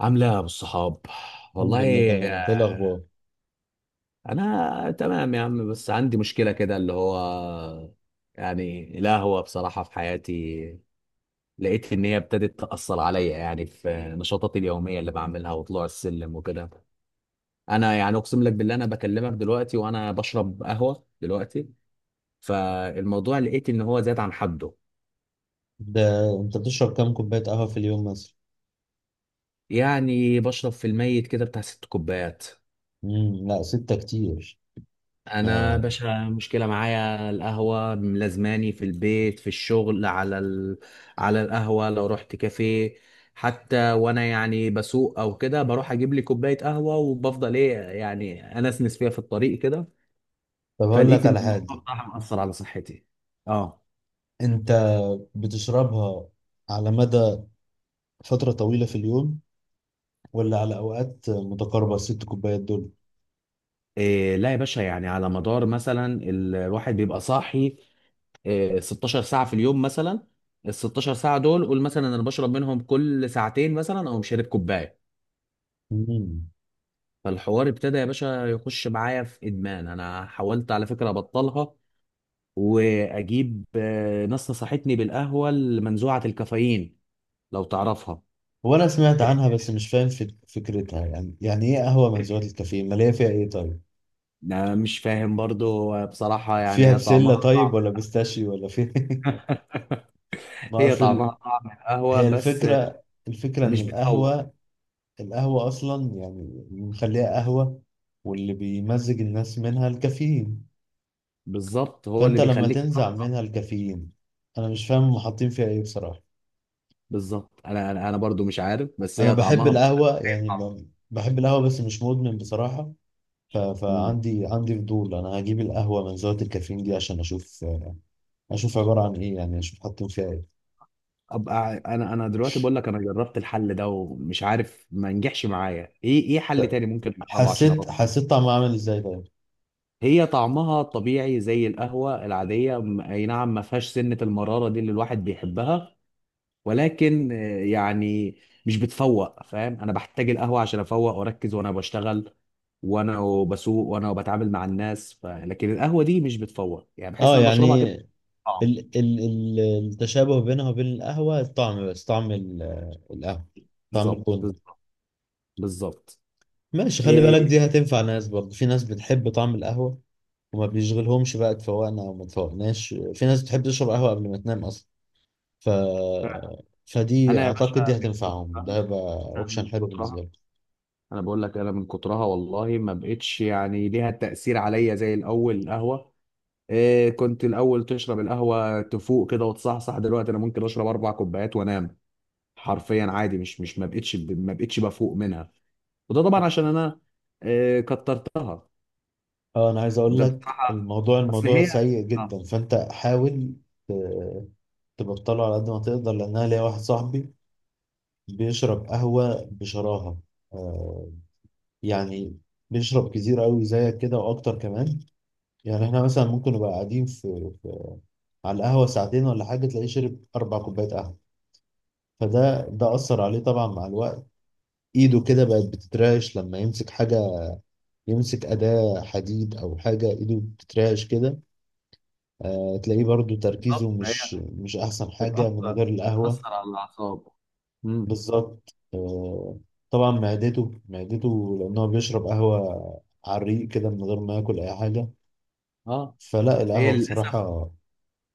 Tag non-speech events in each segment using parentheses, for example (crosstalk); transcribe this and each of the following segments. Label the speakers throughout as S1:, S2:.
S1: عاملة إيه يا أبو الصحاب؟
S2: الحمد لله،
S1: والله
S2: تمام. انت ايه
S1: آه،
S2: الاخبار؟
S1: أنا تمام يا عم، بس عندي مشكلة كده اللي هو يعني القهوة بصراحة في حياتي. لقيت إن هي ابتدت تأثر عليا يعني في نشاطاتي اليومية اللي بعملها وطلوع السلم وكده. أنا يعني أقسم لك بالله، أنا بكلمك دلوقتي وأنا بشرب قهوة دلوقتي. فالموضوع لقيت إن هو زاد عن حده.
S2: ده انت بتشرب كام كوبايه قهوه في اليوم مثلا؟
S1: يعني بشرب في الميت كده بتاع ست كوبايات.
S2: لا، 6 كتير.
S1: انا
S2: آه.
S1: باشا مشكله معايا القهوه ملازماني في البيت في الشغل على على القهوه. لو رحت كافيه، حتى وانا يعني بسوق او كده بروح اجيب لي كوبايه قهوه وبفضل ايه يعني انسنس فيها في الطريق كده.
S2: طب هقول
S1: فلقيت
S2: لك
S1: ان
S2: على
S1: الموضوع
S2: حاجه.
S1: بصراحه مأثر على صحتي. اه.
S2: انت بتشربها على مدى فتره طويله في اليوم ولا على اوقات متقاربه الست كوبايات دول؟
S1: إيه لا يا باشا، يعني على مدار مثلا الواحد بيبقى صاحي إيه 16 ساعه في اليوم مثلا. ال 16 ساعه دول، قول مثلا انا بشرب منهم كل ساعتين مثلا او مشارب كوبايه.
S2: امم
S1: فالحوار ابتدى يا باشا يخش معايا في ادمان. انا حاولت على فكره ابطلها واجيب، ناس نصحتني بالقهوه المنزوعه الكافيين، لو تعرفها.
S2: هو انا سمعت عنها، بس مش فاهم فكرتها. يعني ايه قهوه منزوعه الكافيين؟ ماليه فيها ايه طيب؟
S1: انا مش فاهم برضو، بصراحه يعني
S2: فيها
S1: هي
S2: بسله
S1: طعمها
S2: طيب،
S1: طعم.
S2: ولا بيستاشيو، ولا فيها (laughs) ما
S1: هي طعمها
S2: اصل.
S1: طعم القهوه
S2: هي
S1: بس
S2: الفكره ان
S1: مش بتفوق.
S2: القهوه، القهوة أصلا يعني اللي مخليها قهوة، واللي بيمزج الناس منها الكافيين.
S1: بالظبط هو اللي
S2: فأنت لما
S1: بيخليك
S2: تنزع
S1: تصحصح.
S2: منها الكافيين، أنا مش فاهم هم حاطين فيها إيه بصراحة.
S1: بالظبط، انا انا أنا برضو مش عارف، بس
S2: أنا
S1: هي
S2: بحب
S1: طعمها بقول لك
S2: القهوة،
S1: زي
S2: يعني
S1: القهوة.
S2: بحب القهوة بس مش مدمن بصراحة. فعندي فضول. أنا هجيب القهوة من زاوية الكافيين دي عشان أشوف عبارة عن إيه، يعني أشوف حاطين فيها إيه.
S1: ابقى انا دلوقتي بقول لك، انا جربت الحل ده ومش عارف، ما نجحش معايا. ايه ايه حل تاني ممكن اجربه عشان
S2: حسيت
S1: ابطل؟
S2: حسيت طعمها عامل إزاي طيب؟
S1: هي طعمها طبيعي زي القهوة العادية. اي نعم، ما فيهاش سنة المرارة دي اللي الواحد بيحبها، ولكن يعني مش بتفوق، فاهم. انا بحتاج القهوة عشان افوق واركز وانا بشتغل وانا بسوق وانا بتعامل مع الناس. لكن القهوة دي مش بتفوق، يعني بحس
S2: أه
S1: ان انا بشربها
S2: يعني،
S1: كده طعم.
S2: ال ال ال التشابه بينها وبين القهوة الطعم، بس طعم القهوة، طعم
S1: بالظبط.
S2: البن.
S1: بالظبط.
S2: ماشي، خلي
S1: إيه،
S2: بالك دي هتنفع ناس برضه، في ناس بتحب طعم القهوة وما بيشغلهمش بقى اتفوقنا او ما اتفوقناش، في ناس بتحب تشرب قهوة قبل ما تنام اصلا. ف فدي
S1: فانا يا باشا،
S2: اعتقد دي هتنفعهم، ده هيبقى
S1: أنا
S2: اوبشن
S1: من
S2: حلو بالنسبة
S1: كترها،
S2: لك.
S1: انا بقول لك، انا من كترها والله ما بقتش يعني ليها تأثير عليا زي الاول القهوة. إيه، كنت الاول تشرب القهوة تفوق كده وتصحصح. دلوقتي انا ممكن اشرب اربع كوبايات وانام حرفيا عادي. مش ما بقتش بفوق منها. وده طبعا عشان انا إيه كترتها.
S2: اه، انا عايز اقول
S1: ده
S2: لك
S1: بصراحة،
S2: الموضوع
S1: اصل
S2: الموضوع
S1: هي،
S2: سيء
S1: آه،
S2: جدا، فانت حاول ت- تبطله على قد ما تقدر، لان انا ليا واحد صاحبي بيشرب قهوة بشراهة، آه يعني بيشرب كتير قوي زيك كده واكتر كمان. يعني احنا مثلا ممكن نبقى قاعدين في, في على القهوة ساعتين ولا حاجة، تلاقيه شرب 4 كوبايات قهوة. فده اثر عليه طبعا مع الوقت، ايده كده بقت بتترعش لما يمسك حاجة، يمسك أداة حديد او حاجة ايده بتترعش كده. آه، تلاقيه برضو
S1: بالظبط.
S2: تركيزه
S1: ما هي
S2: مش احسن حاجة من
S1: بتأثر
S2: غير القهوة.
S1: بتأثر على الاعصاب. امم.
S2: بالظبط، آه، طبعا معدته لأن هو بيشرب قهوة على الريق كده من غير ما ياكل أي حاجة.
S1: اه.
S2: فلا
S1: هي
S2: القهوة
S1: للاسف،
S2: بصراحة.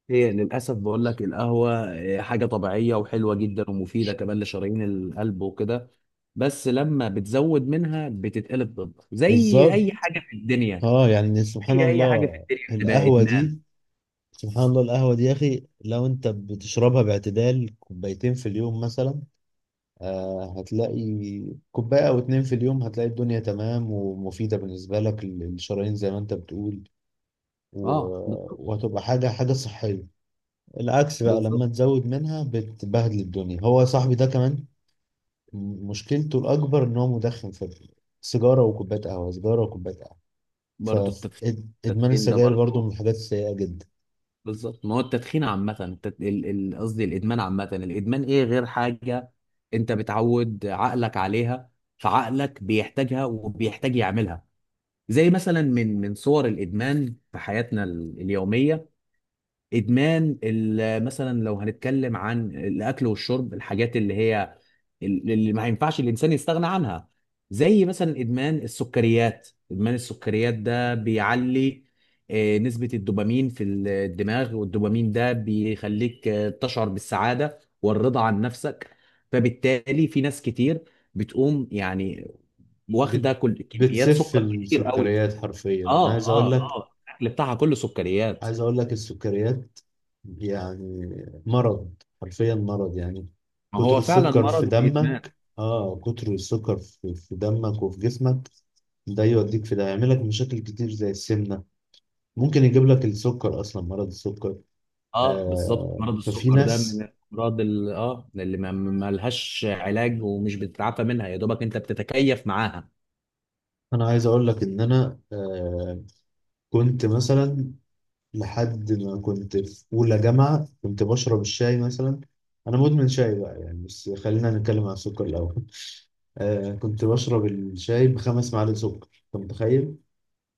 S1: هي للأسف بقول لك القهوة إيه، حاجة طبيعية وحلوة جدا ومفيدة كمان لشرايين القلب وكده، بس لما بتزود منها بتتقلب ضدك زي أي
S2: بالظبط،
S1: حاجة في الدنيا.
S2: اه يعني
S1: زي أي حاجة في الدنيا بتبقى إدمان.
S2: سبحان الله القهوة دي يا أخي، لو أنت بتشربها باعتدال كوبايتين في اليوم مثلا، آه هتلاقي، كوباية أو 2 في اليوم هتلاقي الدنيا تمام ومفيدة بالنسبة لك للشرايين زي ما أنت بتقول، و...
S1: اه بالظبط.
S2: وهتبقى حاجة صحية. العكس بقى لما
S1: بالظبط.
S2: تزود منها بتبهدل الدنيا. هو صاحبي ده كمان مشكلته الأكبر إن هو مدخن، في سيجارة وكوباية قهوة، سيجارة وكوباية قهوة.
S1: برضه التدخين.
S2: فإدمان
S1: التدخين ده
S2: السجاير برضه من
S1: برضه،
S2: الحاجات السيئة جدا.
S1: بالظبط. ما هو التدخين عامة، قصدي الإدمان عامة. الإدمان إيه غير حاجة أنت بتعود عقلك عليها؟ فعقلك بيحتاجها وبيحتاج يعملها. زي مثلا من صور الادمان في حياتنا اليوميه، مثلا لو هنتكلم عن الاكل والشرب، الحاجات اللي هي اللي ما ينفعش الانسان يستغنى عنها، زي مثلا ادمان السكريات. ادمان السكريات ده بيعلي نسبه الدوبامين في الدماغ، والدوبامين ده بيخليك تشعر بالسعاده والرضا عن نفسك. فبالتالي في ناس كتير بتقوم يعني
S2: بت...
S1: واخده كل كميات
S2: بتسف
S1: سكر كتير قوي.
S2: السكريات حرفيا. أنا
S1: اه
S2: عايز أقول
S1: اه
S2: لك
S1: اه الاكل بتاعها كله سكريات.
S2: عايز أقول لك السكريات يعني مرض، حرفيا مرض يعني.
S1: ما
S2: كتر
S1: هو فعلا
S2: السكر
S1: مرض
S2: في
S1: وادمان.
S2: دمك، آه كتر السكر في دمك وفي جسمك، ده يوديك في ده يعملك مشاكل كتير زي السمنة، ممكن يجيب لك السكر اصلا، مرض السكر.
S1: اه بالظبط،
S2: آه
S1: مرض
S2: ففي
S1: السكر ده من
S2: ناس،
S1: الامراض اه اللي ما لهاش علاج ومش بتتعافى منها، يا دوبك انت بتتكيف معاها.
S2: انا عايز اقول لك ان انا كنت مثلا، لحد ما كنت في اولى جامعه كنت بشرب الشاي مثلا. انا مدمن شاي بقى يعني، بس خلينا نتكلم عن السكر الاول. آه كنت بشرب الشاي بـ5 معالق سكر، انت متخيل؟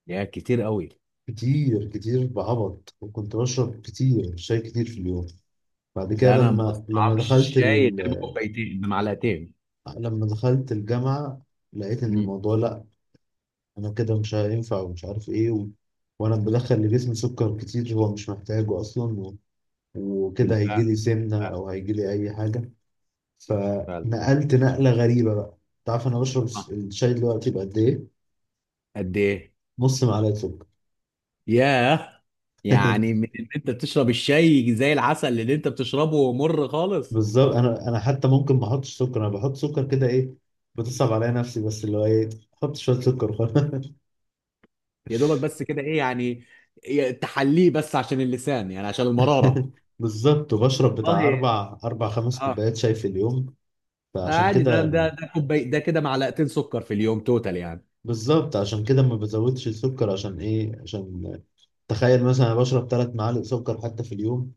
S1: يا كتير قوي.
S2: كتير كتير بعبط، وكنت بشرب كتير شاي كتير في اليوم. بعد كده
S1: ده انا ما بستطعمش شاي غير بكوبايتين بمعلقتين.
S2: لما دخلت الجامعه، لقيت ان
S1: امم.
S2: الموضوع لا، انا كده مش هينفع ومش عارف ايه وانا بدخل لجسمي سكر كتير هو مش محتاجه اصلا وكده هيجي
S1: بالفعل.
S2: لي سمنه
S1: فعلا.
S2: او هيجي لي اي حاجه.
S1: فعلا.
S2: فنقلت نقله غريبه بقى. تعرف انا بشرب
S1: آه.
S2: الشاي دلوقتي بقد ايه؟
S1: قد ايه؟
S2: نص معلقه سكر.
S1: ياه، يعني
S2: (laughs)
S1: من ان انت بتشرب الشاي زي العسل اللي انت بتشربه مر خالص.
S2: بالظبط، انا حتى ممكن ما احطش سكر، انا بحط سكر كده ايه، بتصعب عليا نفسي، بس اللي هو ايه، احط شويه سكر وخلاص.
S1: يا دوبك بس كده، ايه يعني إيه، تحليه بس عشان اللسان، يعني عشان المرارة.
S2: (laughs) بالظبط وبشرب بتاع
S1: والله.
S2: اربع خمس
S1: اه.
S2: كوبايات شاي في اليوم. فعشان
S1: عادي، ده
S2: كده،
S1: ده ده كوباي ده كده معلقتين سكر في اليوم توتال يعني.
S2: بالظبط عشان كده ما بزودش السكر، عشان ايه؟ عشان تخيل مثلا انا بشرب 3 معالق سكر حتى في اليوم،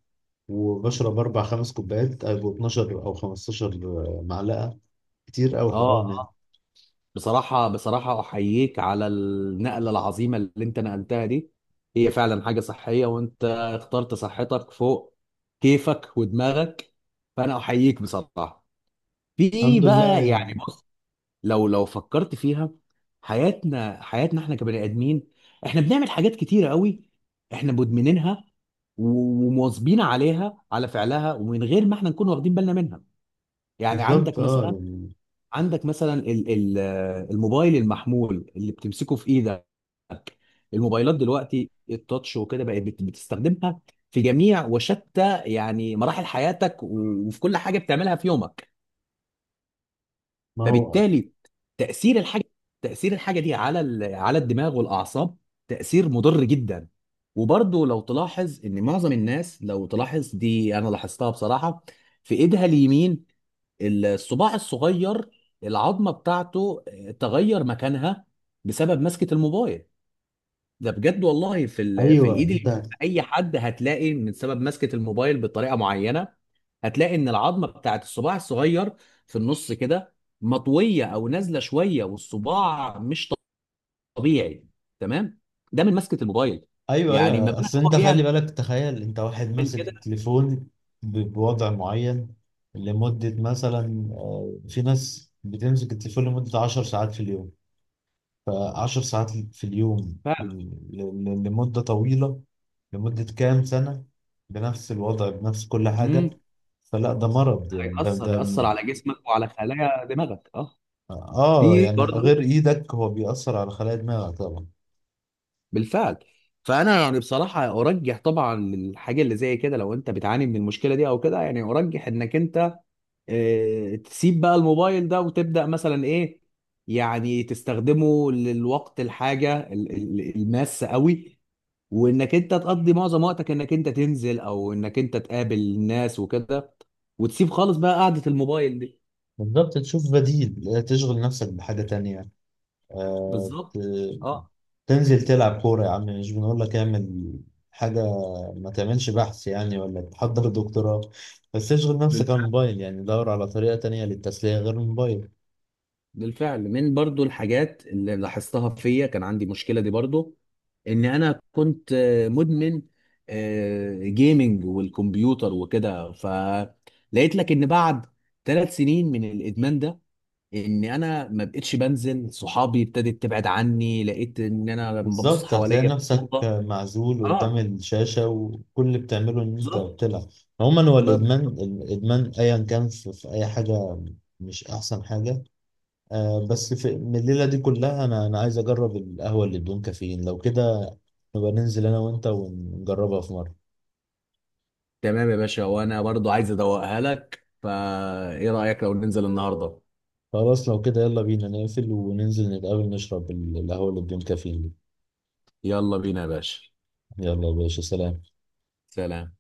S2: وبشرب 4 أو 5 كوبايات، هيبقوا 12 او 15 معلقه، كتير قوي
S1: اه
S2: حرام يعني.
S1: اه. بصراحة بصراحة أحييك على النقلة العظيمة اللي أنت نقلتها دي. هي فعلا حاجة صحية، وأنت اخترت صحتك فوق كيفك ودماغك، فأنا أحييك بصراحة. في
S2: الحمد لله
S1: بقى يعني
S2: يعني.
S1: بص، لو فكرت فيها، حياتنا، احنا كبني ادمين، احنا بنعمل حاجات كتيره قوي احنا مدمنينها ومواظبين عليها على فعلها، ومن غير ما احنا نكون واخدين بالنا منها. يعني عندك
S2: بالظبط اه
S1: مثلا،
S2: يعني
S1: عندك مثلا ال- ال- الموبايل المحمول اللي بتمسكه في ايدك. الموبايلات دلوقتي التاتش وكده بقت بتستخدمها في جميع وشتى يعني مراحل حياتك وفي كل حاجه بتعملها في يومك.
S2: ما هو.
S1: فبالتالي تأثير الحاجة تأثير الحاجة دي على على الدماغ والأعصاب، تأثير مضر جدا. وبرضه لو تلاحظ إن معظم الناس، لو تلاحظ دي أنا لاحظتها بصراحة، في إيدها اليمين الصباع الصغير، العظمة بتاعته تغير مكانها بسبب مسكة الموبايل. ده بجد والله. في
S2: ايوه
S1: الايد اليمين
S2: انت،
S1: اي حد هتلاقي من سبب مسكة الموبايل بطريقة معينة، هتلاقي ان العظمة بتاعت الصباع الصغير في النص كده مطوية او نازلة شوية، والصباع مش طبيعي، تمام. ده من مسكة الموبايل.
S2: ايوه
S1: يعني ما
S2: ايوه،
S1: بالك
S2: اصل انت
S1: هو
S2: خلي
S1: بيعمل
S2: بالك، تخيل انت واحد ماسك
S1: كده.
S2: تليفون بوضع معين، لمده مثلا، في ناس بتمسك التليفون لمده 10 ساعات في اليوم. فـ10 ساعات في اليوم
S1: فعلا.
S2: لمدة طويلة، لمدة كام سنة، بنفس الوضع بنفس كل حاجة.
S1: امم.
S2: فلا ده مرض يعني ده
S1: هيأثر
S2: ده
S1: هيأثر على جسمك وعلى خلايا دماغك، اه.
S2: اه
S1: في
S2: يعني،
S1: برضه.
S2: غير ايدك، هو بيأثر على خلايا دماغك طبعا.
S1: بالفعل. فانا يعني بصراحه ارجح طبعا الحاجه اللي زي كده، لو انت بتعاني من المشكله دي او كده، يعني ارجح انك انت تسيب بقى الموبايل ده وتبدا مثلا ايه. يعني تستخدمه للوقت الحاجه الماسه قوي، وانك انت تقضي معظم وقتك انك انت تنزل، او انك انت تقابل الناس وكده، وتسيب خالص بقى قعده الموبايل دي.
S2: بالظبط، تشوف بديل، تشغل نفسك بحاجة تانية. آه،
S1: بالظبط. اه.
S2: تنزل تلعب كورة يا عم، مش بنقول لك اعمل حاجة، ما تعملش بحث يعني ولا تحضر دكتوراه، بس اشغل نفسك عن الموبايل، يعني دور على طريقة تانية للتسلية غير الموبايل.
S1: بالفعل، من برضو الحاجات اللي لاحظتها فيا كان عندي مشكلة دي برضو، ان انا كنت مدمن جيمنج والكمبيوتر وكده. فلقيت لك ان بعد ثلاث سنين من الادمان ده ان انا ما بقتش بنزل صحابي، ابتدت تبعد عني، لقيت ان انا لما ببص
S2: بالظبط، هتلاقي
S1: حواليا في
S2: نفسك
S1: الاوضه.
S2: معزول قدام
S1: اه
S2: الشاشة وكل اللي بتعمله إن أنت
S1: بالظبط.
S2: بتلعب. عموما هو
S1: ب-
S2: الإدمان الإدمان أيا كان في, في أي حاجة، مش أحسن حاجة. آه، بس في من الليلة دي كلها أنا عايز أجرب القهوة اللي بدون كافيين، لو كده نبقى ننزل أنا وأنت ونجربها في مرة.
S1: تمام يا باشا، وانا برضو عايز ادوقها لك، فايه رايك لو ننزل النهارده؟
S2: خلاص لو كده يلا بينا نقفل وننزل نتقابل نشرب القهوة اللي بدون كافيين دي.
S1: يلا بينا يا باشا،
S2: يلا يا باشا، سلام.
S1: سلام.